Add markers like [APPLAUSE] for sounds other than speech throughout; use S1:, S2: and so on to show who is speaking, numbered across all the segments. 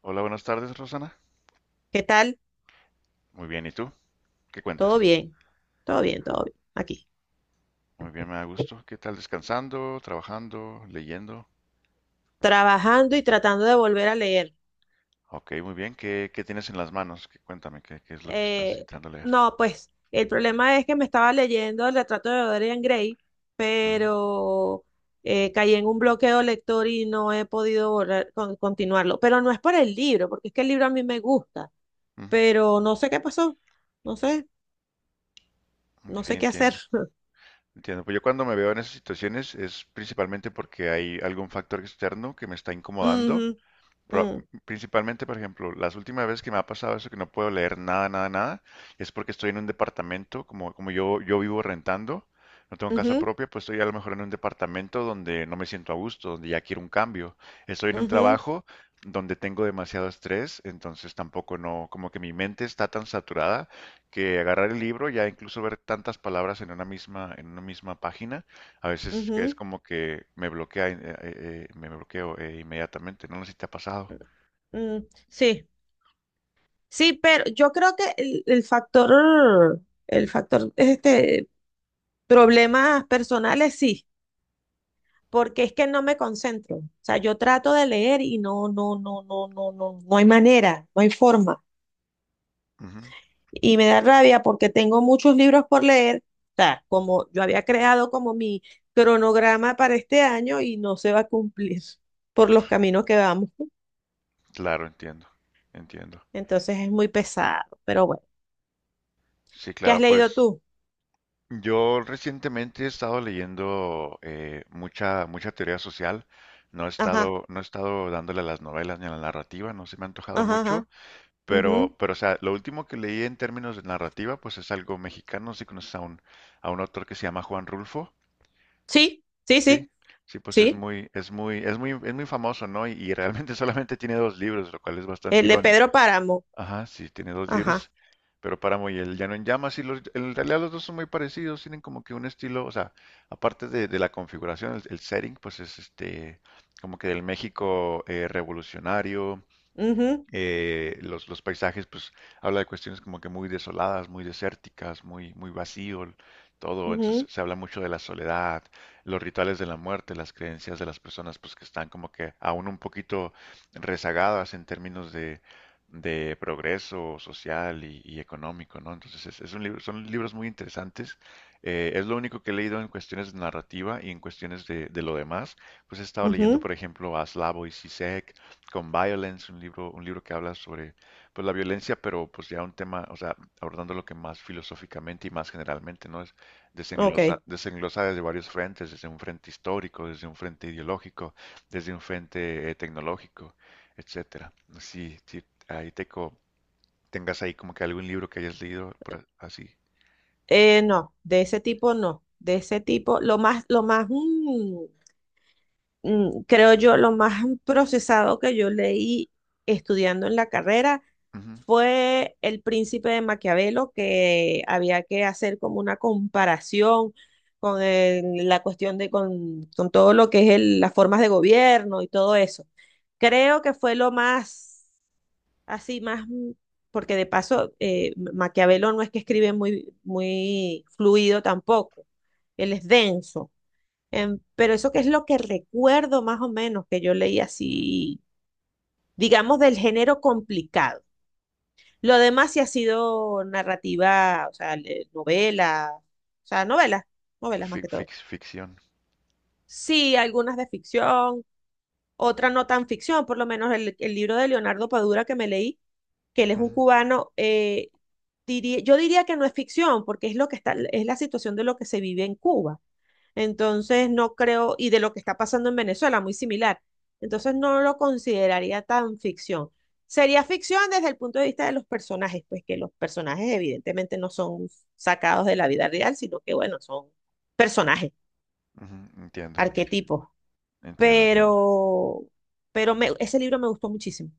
S1: Hola, buenas tardes, Rosana.
S2: ¿Qué tal?
S1: Muy bien, ¿y tú? ¿Qué
S2: Todo
S1: cuentas?
S2: bien, todo bien. Aquí.
S1: Muy bien, me da gusto. ¿Qué tal? ¿Descansando? ¿Trabajando? ¿Leyendo?
S2: Trabajando y tratando de volver a leer.
S1: Ok, muy bien. ¿Qué tienes en las manos? ¿Qué, cuéntame, ¿qué es lo que estás
S2: Eh,
S1: intentando leer?
S2: no, pues el problema es que me estaba leyendo El Retrato de Dorian Gray,
S1: Ujú,
S2: pero caí en un bloqueo lector y no he podido volver continuarlo. Pero no es por el libro, porque es que el libro a mí me gusta,
S1: ujú.
S2: pero no sé qué pasó. No sé,
S1: Ok,
S2: no sé qué hacer.
S1: entiendo. Entiendo. Pues yo cuando me veo en esas situaciones es principalmente porque hay algún factor externo que me está
S2: [LAUGHS]
S1: incomodando.
S2: Ujú,
S1: Pro-
S2: mm,
S1: Principalmente, por ejemplo, las últimas veces que me ha pasado eso, que no puedo leer nada, nada, nada, es porque estoy en un departamento, como, como yo vivo rentando, no tengo casa
S2: ujú,
S1: propia, pues estoy a lo mejor en un departamento donde no me siento a gusto, donde ya quiero un cambio. Estoy en un
S2: ujú,
S1: trabajo donde tengo demasiado estrés, entonces tampoco no, como que mi mente está tan saturada que agarrar el libro, ya incluso ver tantas palabras en una misma página, a veces es
S2: ujú,
S1: como que me bloquea, me bloqueo inmediatamente. No sé si te ha pasado.
S2: Sí. Sí, pero yo creo que el factor, el factor, problemas personales sí, porque es que no me concentro. O sea, yo trato de leer y no hay manera, no hay forma.
S1: Ujú.
S2: Y me da rabia porque tengo muchos libros por leer. O sea, como yo había creado como mi cronograma para este año y no se va a cumplir [LAUGHS] por los caminos que vamos.
S1: Claro, entiendo, entiendo.
S2: Entonces es muy pesado. Pero bueno,
S1: Sí,
S2: ¿qué
S1: claro,
S2: has leído
S1: pues
S2: tú?
S1: yo recientemente he estado leyendo mucha, mucha teoría social. No he
S2: Ajá,
S1: estado, no he estado dándole a las novelas ni a la narrativa, no se me ha antojado
S2: ajá,
S1: mucho,
S2: ajá.
S1: pero, o sea, lo último que leí en términos de narrativa, pues es algo mexicano, si conoces a un autor que se llama Juan Rulfo.
S2: Sí, sí,
S1: Sí,
S2: sí,
S1: sí, pues es
S2: sí.
S1: muy, es muy, es muy, es muy famoso, ¿no? Y realmente [LAUGHS] solamente tiene dos libros, lo cual es bastante
S2: El de
S1: irónico.
S2: Pedro Páramo.
S1: Ajá, sí, tiene dos
S2: Ajá.
S1: libros, pero Páramo y El Llano en Llamas, y los, en realidad los dos son muy parecidos, tienen como que un estilo, o sea, aparte de la configuración, el setting, pues es este, como que del México revolucionario,
S2: Ujú,
S1: los paisajes, pues habla de cuestiones como que muy desoladas, muy desérticas, muy, muy vacío, todo. Entonces
S2: ujú,
S1: se habla mucho de la soledad, los rituales de la muerte, las creencias de las personas pues que están como que aún un poquito rezagadas en términos de progreso social y económico, ¿no? Entonces es un libro, son libros muy interesantes. Es lo único que he leído en cuestiones de narrativa y en cuestiones de lo demás. Pues he estado leyendo,
S2: ujú.
S1: por ejemplo, a Slavoj Zizek, con Violence, un libro que habla sobre pues, la violencia, pero pues ya un tema, o sea, abordando lo que más filosóficamente y más generalmente, ¿no? Es desenglosa,
S2: Ok.
S1: desenglosa desde varios frentes, desde un frente histórico, desde un frente ideológico, desde un frente tecnológico, etcétera. Si, si ahí teco, tengas ahí como que algún libro que hayas leído por así.
S2: No, de ese tipo no. De ese tipo, lo más, creo yo, lo más [LAUGHS] procesado que yo leí estudiando en la carrera
S1: Ujú.
S2: fue El Príncipe de Maquiavelo, que había que hacer como una comparación con la cuestión de, con todo lo que es las formas de gobierno y todo eso. Creo que fue lo más, así más, porque de paso, Maquiavelo no es que escribe muy fluido tampoco, él es denso. Pero eso que es lo que recuerdo más o menos que yo leí así, digamos, del género complicado. Lo demás sí ha sido narrativa, o sea, novela, o sea, novelas, novelas más que todo.
S1: Ficción.
S2: Sí, algunas de ficción, otras no tan ficción, por lo menos el libro de Leonardo Padura que me leí, que él es un
S1: Ujú,
S2: cubano, yo diría que no es ficción, porque es lo que está, es la situación de lo que se vive en Cuba. Entonces, no creo, y de lo que está pasando en Venezuela, muy similar. Entonces, no lo consideraría tan ficción. Sería ficción desde el punto de vista de los personajes, pues que los personajes evidentemente no son sacados de la vida real, sino que, bueno, son personajes,
S1: ujú, entiendo,
S2: arquetipos.
S1: entiendo, entiendo.
S2: Pero, Ese libro me gustó muchísimo.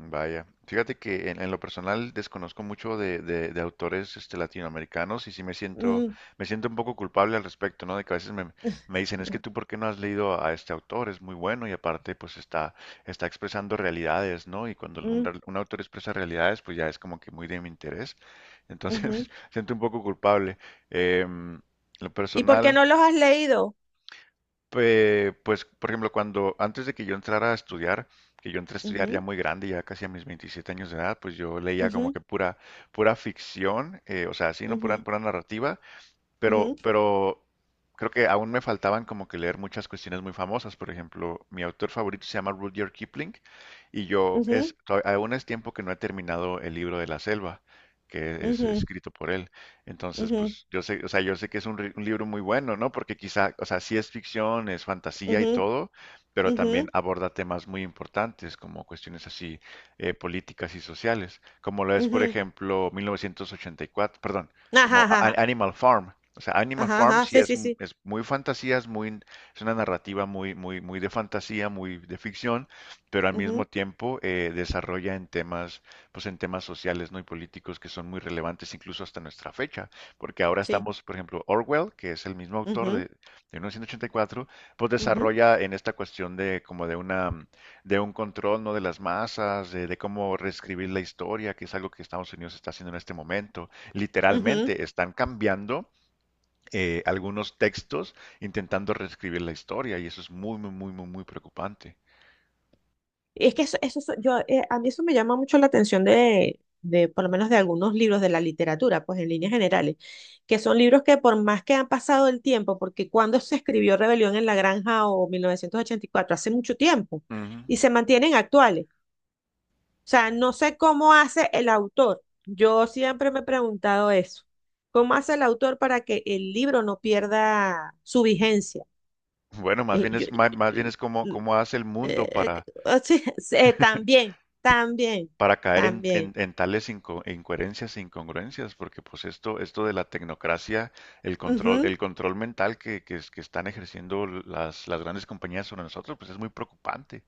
S1: Vaya, fíjate que en lo personal desconozco mucho de, de autores este, latinoamericanos y sí
S2: Mm,
S1: me siento un poco culpable al respecto, ¿no? De que a veces me, me dicen, es que
S2: [LAUGHS]
S1: tú, ¿por qué no has leído a este autor? Es muy bueno y aparte, pues está, está expresando realidades, ¿no? Y cuando un,
S2: mm,
S1: un autor expresa realidades, pues ya es como que muy de mi interés. Entonces, [LAUGHS]
S2: ujú.
S1: me siento un poco culpable. Em, lo
S2: ¿Y por qué
S1: personal.
S2: no los has leído?
S1: Pues, por ejemplo, cuando antes de que yo entrara a estudiar, que yo entré a estudiar ya
S2: Ujú,
S1: muy grande, ya casi a mis 27 años de edad, pues yo leía como
S2: ujú,
S1: que pura, pura ficción, o sea, así, no pura,
S2: ujú,
S1: pura narrativa,
S2: ujú,
S1: pero creo que aún me faltaban como que leer muchas cuestiones muy famosas. Por ejemplo, mi autor favorito se llama Rudyard Kipling y yo es, aún es tiempo que no he terminado el libro de la selva, que es
S2: ujú,
S1: escrito por él. Entonces,
S2: ujú,
S1: pues yo sé, o sea, yo sé que es un, un libro muy bueno, ¿no? Porque quizá, o sea, sí es ficción, es fantasía
S2: ujú,
S1: y
S2: ujú,
S1: todo, pero también
S2: ujú.
S1: aborda temas muy importantes como cuestiones así políticas y sociales, como lo es, por
S2: Ujú.
S1: ejemplo, 1984, perdón,
S2: Ajá,
S1: como
S2: ajá, ajá,
S1: Animal Farm. O sea, Animal
S2: ajá,
S1: Farm
S2: ajá,
S1: sí
S2: sí,
S1: es,
S2: sí,
S1: es muy fantasía, es muy, es una narrativa muy, muy, muy de fantasía, muy de ficción, pero al mismo
S2: ujú,
S1: tiempo desarrolla en temas, pues en temas sociales, ¿no? y políticos que son muy relevantes incluso hasta nuestra fecha, porque ahora
S2: sí,
S1: estamos, por ejemplo, Orwell, que es el mismo autor
S2: ujú,
S1: de 1984, pues
S2: ujú,
S1: desarrolla en esta cuestión de como de una de un control, ¿no? de las masas, de cómo reescribir la historia, que es algo que Estados Unidos está haciendo en este momento
S2: ujú.
S1: literalmente están cambiando algunos textos intentando reescribir la historia y eso es muy, muy, muy, muy, muy preocupante.
S2: Y es que yo, a mí eso me llama mucho la atención de, por lo menos de algunos libros de la literatura, pues en líneas generales, que son libros que por más que han pasado el tiempo, porque cuando se escribió Rebelión en la Granja o 1984 hace mucho tiempo,
S1: Ujú.
S2: y se mantienen actuales. O sea, no sé cómo hace el autor. Yo siempre me he preguntado eso. ¿Cómo hace el autor para que el libro no pierda su vigencia?
S1: Bueno, más
S2: Eh,
S1: bien
S2: yo-
S1: es, más, más bien
S2: eh,
S1: es como,
S2: mm,
S1: cómo hace el mundo
S2: eh, o sea, [LAUGHS] eh, también, también,
S1: para caer en,
S2: también.
S1: en tales e incoherencias e incongruencias, porque pues esto de la tecnocracia, el
S2: Ujú,
S1: control mental que, que están ejerciendo las grandes compañías sobre nosotros, pues es muy preocupante.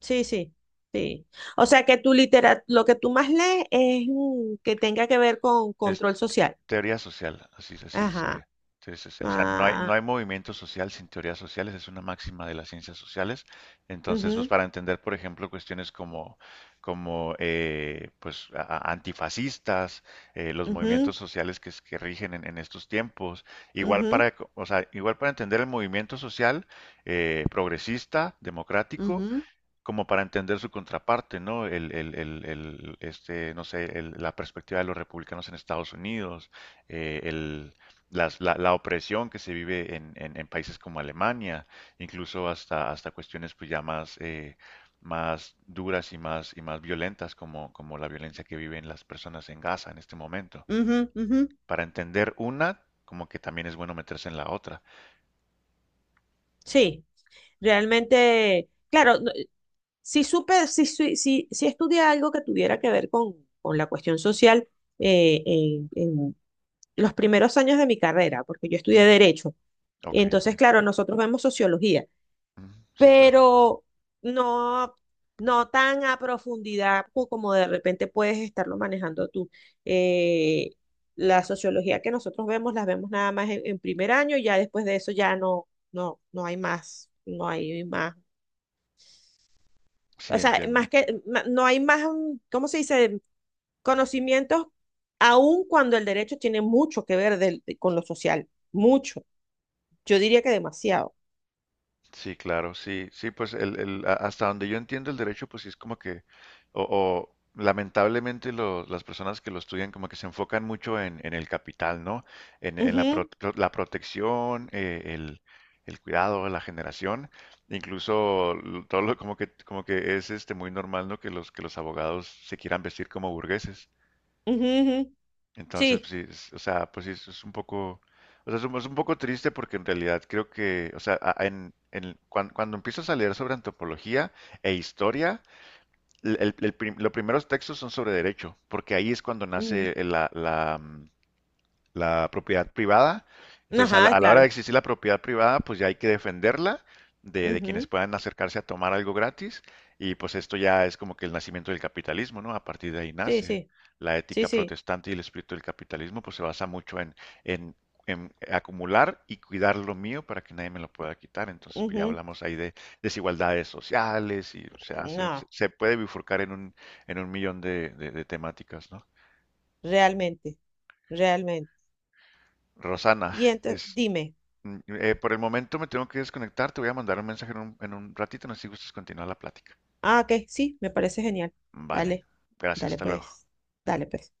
S2: sí, sí, sí. O sea, que tu litera, lo que tú más lees es que tenga que ver con control social.
S1: Teoría social, así, así
S2: Ajá.
S1: sería. Teoría social. O sea, no hay, no
S2: Ah,
S1: hay movimiento social sin teorías sociales, es una máxima de las ciencias sociales. Entonces, pues
S2: ujú,
S1: para entender, por ejemplo, cuestiones como, como pues, antifascistas, los
S2: ujú,
S1: movimientos sociales que, que rigen en estos tiempos, igual
S2: ujú,
S1: para, o sea, igual para entender el movimiento social progresista, democrático,
S2: ujú,
S1: como para entender su contraparte, ¿no? El, este, no sé, la perspectiva de los republicanos en Estados Unidos, eh, el- la opresión que se vive en, en países como Alemania, incluso hasta, hasta cuestiones pues ya más, más duras y más violentas como, como la violencia que viven las personas en Gaza en este momento.
S2: ujú, ujú.
S1: Para entender una, como que también es bueno meterse en la otra.
S2: Sí. Realmente, claro, si supe, si estudié algo que tuviera que ver con la cuestión social en los primeros años de mi carrera, porque yo estudié
S1: Ujú.
S2: Derecho.
S1: Ok,
S2: Entonces,
S1: entiendo.
S2: claro, nosotros vemos sociología,
S1: Ujú, sí, claro.
S2: pero no, no tan a profundidad como de repente puedes estarlo manejando tú. Eh, la sociología que nosotros vemos, las vemos nada más en primer año, y ya después de eso ya no, no hay más, no hay más.
S1: Sí,
S2: O sea,
S1: entiendo.
S2: no hay más, ¿cómo se dice? Conocimientos, aun cuando el derecho tiene mucho que ver con lo social, mucho. Yo diría que demasiado.
S1: Sí, claro, sí, sí, pues el, hasta donde yo entiendo el derecho, pues sí es como que, o, o lamentablemente las personas que lo estudian como que se enfocan mucho en el capital, ¿no? En la, la protección, el cuidado, la generación, incluso todo lo, como que es este muy normal, ¿no? Que los abogados se quieran vestir como burgueses.
S2: Ujú, ujú, ujú,
S1: Entonces,
S2: sí.
S1: pues sí, o sea, pues sí, es un poco, o sea, es un poco triste porque en realidad creo que, o sea, en, cuando empiezas a leer sobre antropología e historia, los primeros textos son sobre derecho, porque ahí es cuando
S2: Ujú.
S1: nace la, la, la propiedad privada. Entonces,
S2: Ajá,
S1: a la hora de
S2: claro.
S1: existir la propiedad privada, pues ya hay que defenderla de quienes
S2: Ujú,
S1: puedan acercarse a tomar algo gratis. Y pues esto ya es como que el nacimiento del capitalismo, ¿no? A partir de ahí
S2: sí,
S1: nace.
S2: sí,
S1: La
S2: sí,
S1: ética
S2: sí.
S1: protestante y el espíritu del capitalismo, pues se basa mucho en, en acumular y cuidar lo mío para que nadie me lo pueda quitar. Entonces, pues ya
S2: Ujú.
S1: hablamos ahí de desigualdades sociales y o sea, se,
S2: No,
S1: se puede bifurcar en un millón de, de temáticas, ¿no?
S2: realmente, realmente.
S1: Rosana,
S2: Y entonces, dime.
S1: Por el momento me tengo que desconectar, te voy a mandar un mensaje en un ratito, no sé si gustas continuar la plática.
S2: Ah, ok, sí, me parece genial.
S1: Vale,
S2: Dale,
S1: gracias,
S2: dale
S1: hasta luego.
S2: pues, dale pues.